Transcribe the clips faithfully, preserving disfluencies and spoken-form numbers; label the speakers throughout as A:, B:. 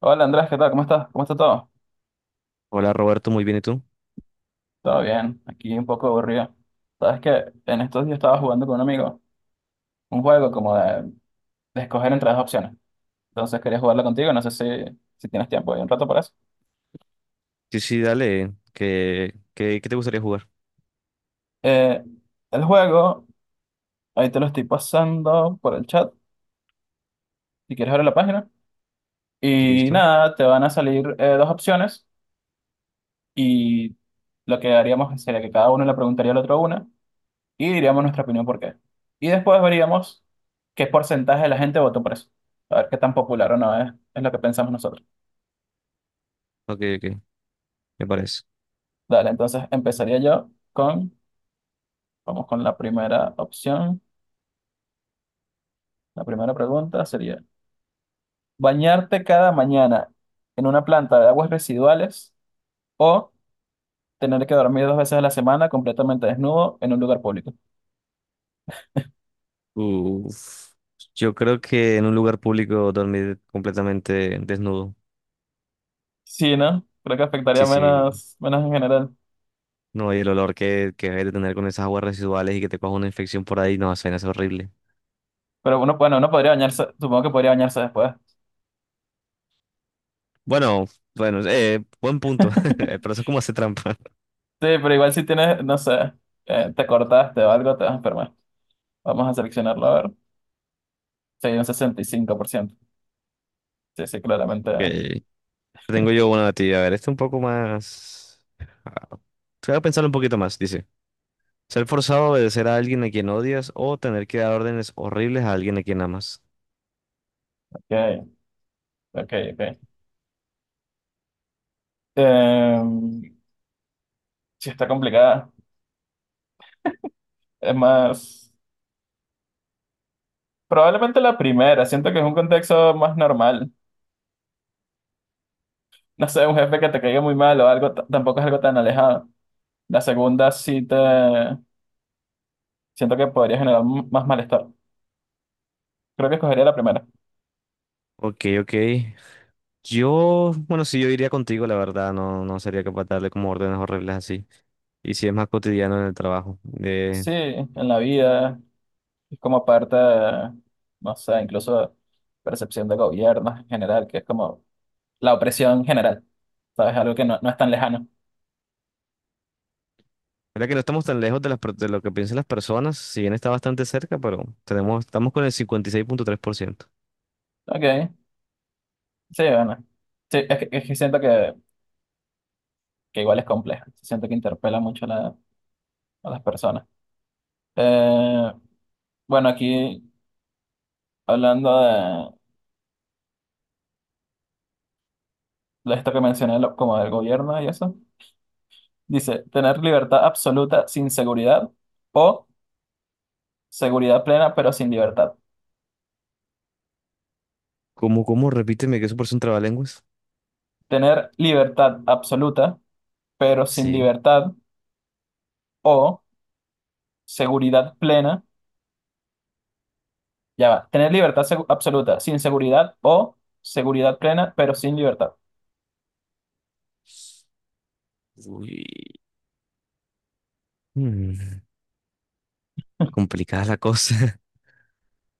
A: Hola Andrés, ¿qué tal? ¿Cómo estás? ¿Cómo está todo?
B: Hola Roberto, muy bien, ¿y tú?
A: Todo bien, aquí un poco aburrido. Sabes que en estos días estaba jugando con un amigo un juego como de, de escoger entre dos opciones. Entonces quería jugarlo contigo, no sé si, si tienes tiempo y un rato para eso.
B: Sí, sí, dale. ¿Qué, qué, qué te gustaría jugar?
A: Eh, el juego, ahí te lo estoy pasando por el chat, si quieres ver la página. Y
B: ¿Listo?
A: nada, te van a salir eh, dos opciones y lo que haríamos sería que cada uno le preguntaría al otro una. Y diríamos nuestra opinión por qué. Y después veríamos qué porcentaje de la gente votó por eso. A ver qué tan popular o no es, es lo que pensamos nosotros.
B: Ok, ok, me parece.
A: Dale, entonces empezaría yo con, vamos con la primera opción. La primera pregunta sería, ¿bañarte cada mañana en una planta de aguas residuales o tener que dormir dos veces a la semana completamente desnudo en un lugar público?
B: Uf. Yo creo que en un lugar público dormir completamente desnudo.
A: Sí, ¿no? Creo que afectaría
B: Sí, sí.
A: menos, menos en general.
B: No, y el olor que, que hay de tener con esas aguas residuales y que te coja una infección por ahí, no, suena es horrible.
A: Pero uno, bueno, uno podría bañarse, supongo que podría bañarse después.
B: Bueno, bueno, eh, buen punto. Pero eso es como hace trampa.
A: Sí, pero igual si tienes, no sé, eh, te cortaste o algo, te vas a enfermar. Vamos a seleccionarlo, a ver. Sí, un sesenta y cinco por ciento. Sí, sí, claramente.
B: Ok. Tengo yo una de ti. A ver, este un poco más. ah, Voy a pensar un poquito más, dice. Ser forzado a obedecer a alguien a quien odias o tener que dar órdenes horribles a alguien a quien amas.
A: Ok, ok, ok. Em, sí, está complicada. Es más, probablemente la primera. Siento que es un contexto más normal. No sé, un jefe que te caiga muy mal o algo, t- tampoco es algo tan alejado. La segunda sí te... Siento que podría generar m- más malestar. Creo que escogería la primera.
B: Ok, ok. Yo, bueno, sí, yo iría contigo, la verdad, no, no sería capaz de darle como órdenes horribles así. Y si es más cotidiano en el trabajo. Eh,
A: Sí, en la vida. Es como parte, no sé, incluso percepción de gobierno en general, que es como la opresión general, ¿sabes? Algo que no, no es tan lejano.
B: mira que no estamos tan lejos de, las, per- de lo que piensan las personas, si bien está bastante cerca, pero tenemos, estamos con el cincuenta y seis punto tres por ciento.
A: Ok, sí, bueno. Sí, es que, es que siento que, que igual es complejo. Siento que interpela mucho a, la- a las personas. Eh, bueno, aquí hablando de, de esto que mencioné, lo- como del gobierno y eso, dice, tener libertad absoluta sin seguridad o seguridad plena pero sin libertad.
B: ¿Cómo, cómo? Repíteme que eso parece un trabalenguas.
A: Tener libertad absoluta pero sin
B: Sí.
A: libertad. O seguridad plena, ya va, tener libertad segu- absoluta sin seguridad o seguridad plena pero sin libertad.
B: Uy, Mm, complicada la cosa.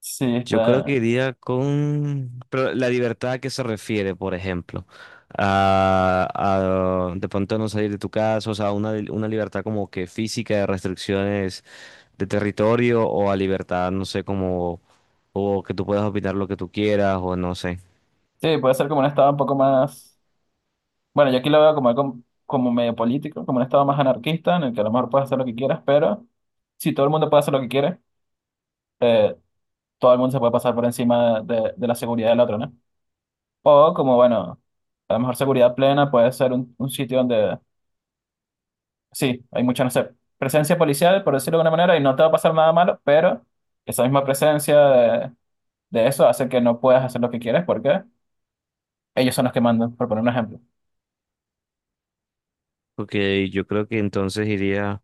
A: Sí,
B: Yo creo que
A: está.
B: iría con... Pero la libertad a qué se refiere, por ejemplo. A, a de pronto no salir de tu casa, o sea, una, una libertad como que física de restricciones de territorio o a libertad, no sé, como... O que tú puedas opinar lo que tú quieras o no sé.
A: Sí, puede ser como un estado un poco más. Bueno, yo aquí lo veo como, algo- como, medio político, como un estado más anarquista en el que a lo mejor puedes hacer lo que quieras, pero si todo el mundo puede hacer lo que quiere, eh, todo el mundo se puede pasar por encima de, de la seguridad del otro, ¿no? O como, bueno, a lo mejor seguridad plena puede ser un, un sitio donde, sí, hay mucha, no sé, presencia policial, por decirlo de alguna manera, y no te va a pasar nada malo, pero esa misma presencia de eso hace que no puedas hacer lo que quieres porque ellos son los que mandan, por poner un ejemplo.
B: Porque yo creo que entonces iría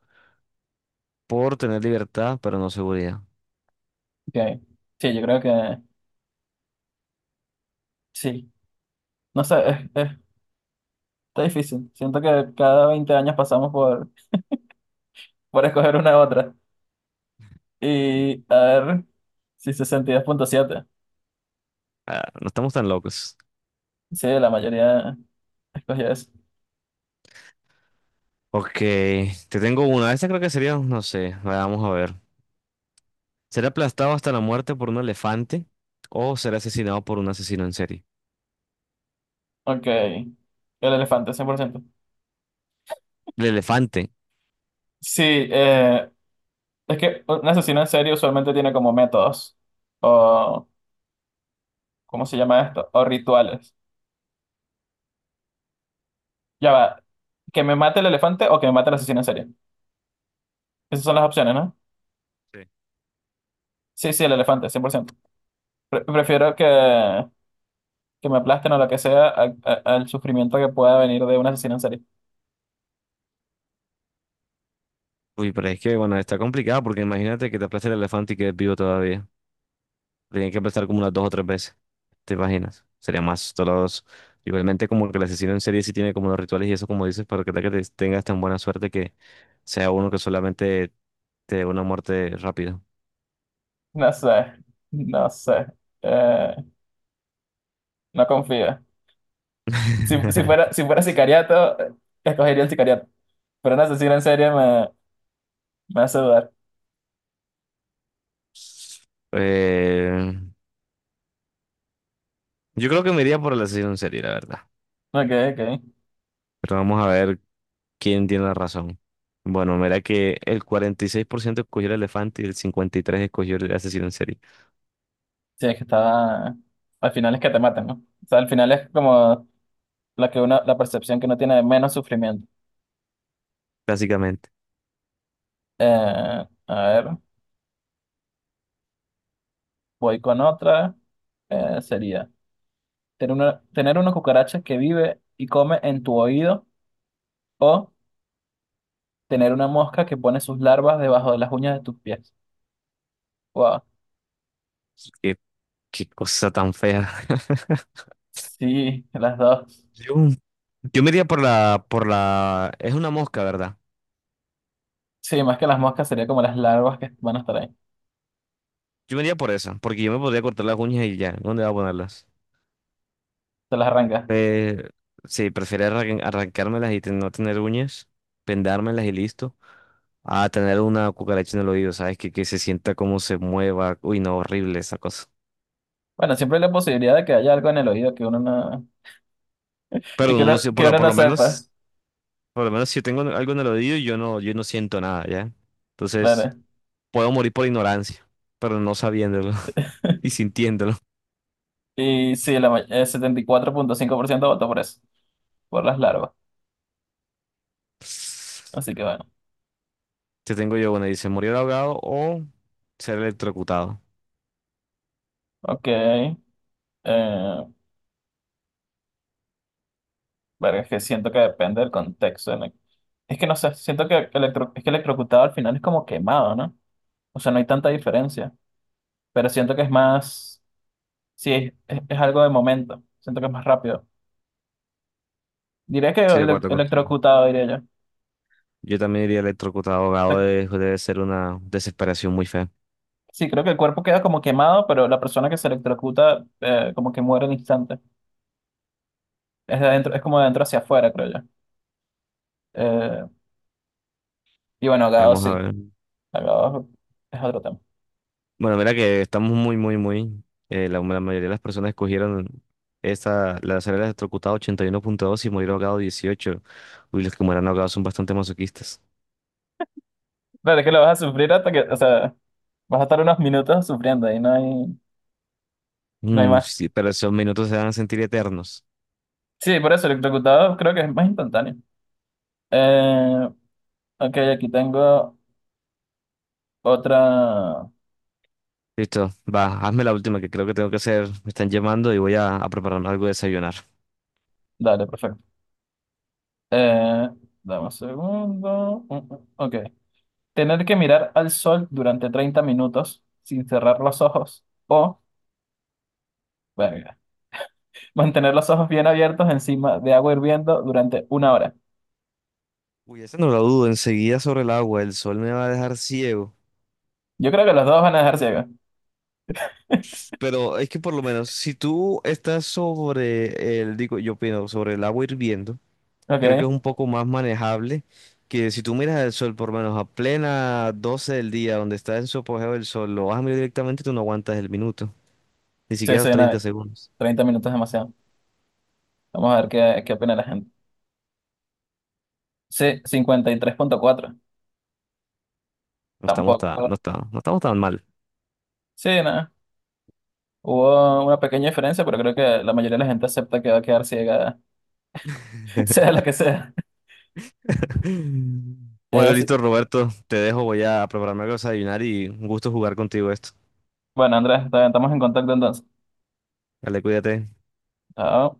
B: por tener libertad, pero no seguridad.
A: Sí, sí, yo creo que sí. No sé, es- es- está difícil. Siento que cada veinte años pasamos por, por escoger una u otra. Y a ver, si sesenta y dos punto siete.
B: Ah, no estamos tan locos.
A: Sí, la mayoría escogió eso.
B: Ok, te tengo una. Esta creo que sería, no sé, vamos a ver. ¿Ser aplastado hasta la muerte por un elefante o ser asesinado por un asesino en serie?
A: Ok, el elefante, cien por ciento.
B: El elefante.
A: Sí, eh, es que un asesino en serie usualmente tiene como métodos o, ¿cómo se llama esto? O rituales. Ya va, que me mate el elefante o que me mate el asesino en serie. Esas son las opciones, ¿no?
B: Sí.
A: Sí, sí, el elefante, cien por ciento. Pre- prefiero que, que me aplasten o lo que sea a- a- al sufrimiento que pueda venir de un asesino en serie.
B: Uy, pero es que, bueno, está complicado porque imagínate que te aplaste el elefante y quedes vivo todavía. Tienes que aplastar como unas dos o tres veces. ¿Te imaginas? Sería más doloroso. Igualmente, como que el asesino en serie sí tiene como los rituales y eso, como dices, para que tal que te- tengas tan buena suerte que sea uno que solamente te dé una muerte rápida.
A: No sé, no sé. Eh, no confío. Si, si fuera, si fuera sicariato, eh, escogería el sicariato. Pero un asesino en serie me, me hace dudar.
B: Eh, yo creo que me iría por el asesino en serie, la verdad.
A: Ok, ok.
B: Pero vamos a ver quién tiene la razón. Bueno, mira que el cuarenta y seis por ciento escogió el elefante y el cincuenta y tres por ciento escogió el asesino en serie,
A: Sí, es que estaba... Al final es que te matan, ¿no? O sea, al final es como la que uno, la percepción que uno tiene de menos sufrimiento.
B: básicamente.
A: Eh, a ver, voy con otra. Eh, sería... Tener una, tener una cucaracha que vive y come en tu oído o tener una mosca que pone sus larvas debajo de las uñas de tus pies. Wow.
B: Qué, qué cosa tan fea.
A: Sí, las dos.
B: Yo, yo me iría por la, por la... Es una mosca, ¿verdad?
A: Sí, más que las moscas sería como las larvas que van a estar ahí.
B: Yo me iría por esa, porque yo me podría cortar las uñas y ya. ¿Dónde voy a ponerlas?
A: Se las arrancas.
B: Eh, sí, prefiero arran- arrancármelas y ten- no tener uñas, vendármelas y listo, a tener una cucaracha en el oído, ¿sabes? Que, que se sienta cómo se mueva. Uy, no, horrible esa cosa.
A: Bueno, siempre hay la posibilidad de que haya algo en el oído que uno no, y
B: Pero
A: que
B: uno
A: uno,
B: no sé, por,
A: que
B: lo-
A: uno
B: por
A: no
B: lo
A: sepa.
B: menos, por lo menos si yo tengo algo en el oído, yo no, yo no siento nada, ¿ya? Entonces,
A: Claro.
B: puedo morir por ignorancia, pero no sabiéndolo y sintiéndolo.
A: Y sí, la, ma- el setenta y cuatro punto cinco por ciento votó por eso, por las larvas. Así que bueno.
B: Te tengo yo, bueno, dice, morir ahogado o ser electrocutado.
A: Ok. Eh, Verga, es que siento que depende del contexto. en el- Es que no sé, siento que electro... es que electrocutado al final es como quemado, ¿no? O sea, no hay tanta diferencia, pero siento que es más, sí, es, es- es algo de momento, siento que es más rápido. Diría que
B: Sí, de
A: ele-
B: acuerdo contigo.
A: electrocutado, diría yo.
B: Yo también diría electrocutado, ahogado,
A: La-
B: de- debe ser una desesperación muy fea.
A: Sí, creo que el cuerpo queda como quemado, pero la persona que se electrocuta eh, como que muere al instante. Es de adentro, es como de adentro hacia afuera, creo yo. Eh, y bueno, ahogado
B: Vamos a
A: sí,
B: ver. Mm.
A: ahogado es otro tema.
B: Bueno, mira que estamos muy, muy, muy. eh, la, la mayoría de las personas escogieron esta, la ser electrocutado ochenta y uno punto dos y morir ahogado dieciocho. Uy, los que mueran ahogados son bastante masoquistas.
A: Claro, es que lo vas a sufrir hasta que, o sea, vas a estar unos minutos sufriendo y no hay... No hay
B: Mm,
A: más.
B: sí, pero esos minutos se van a sentir eternos.
A: Sí, por eso electrocutado creo que es más instantáneo. Eh, ok, aquí tengo otra.
B: Listo, va, hazme la última que creo que tengo que hacer. Me están llamando y voy a, a prepararme algo de desayunar.
A: Dale, perfecto. Eh, Dame un segundo. Mm, mm, Ok. Tener que mirar al sol durante treinta minutos sin cerrar los ojos o, verga, mantener los ojos bien abiertos encima de agua hirviendo durante una hora.
B: Uy, esa no la dudo. Enseguida sobre el agua, el sol me va a dejar ciego.
A: Yo creo que los dos van a dejar ciegos.
B: Pero es que por lo menos, si tú estás sobre el, digo, yo opino, sobre el agua hirviendo, creo que es
A: Ok.
B: un poco más manejable que si tú miras el sol, por lo menos a plena doce del día, donde está en su apogeo el sol, lo vas a mirar directamente, tú no aguantas el minuto, ni
A: Sí,
B: siquiera
A: sí,
B: los treinta
A: nada,
B: segundos.
A: treinta minutos es demasiado. Vamos a ver qué, qué opina la gente. Sí, cincuenta y tres punto cuatro.
B: No estamos tan,
A: Tampoco.
B: no está no estamos tan mal.
A: Sí, no. Hubo una pequeña diferencia, pero creo que la mayoría de la gente acepta que va a quedar ciega, sea la que sea. Eh,
B: Bueno,
A: sí.
B: listo, Roberto, te dejo, voy a prepararme algo para desayunar y un gusto jugar contigo esto.
A: Bueno, Andrés, está bien, estamos en contacto entonces.
B: Dale, cuídate.
A: Chao.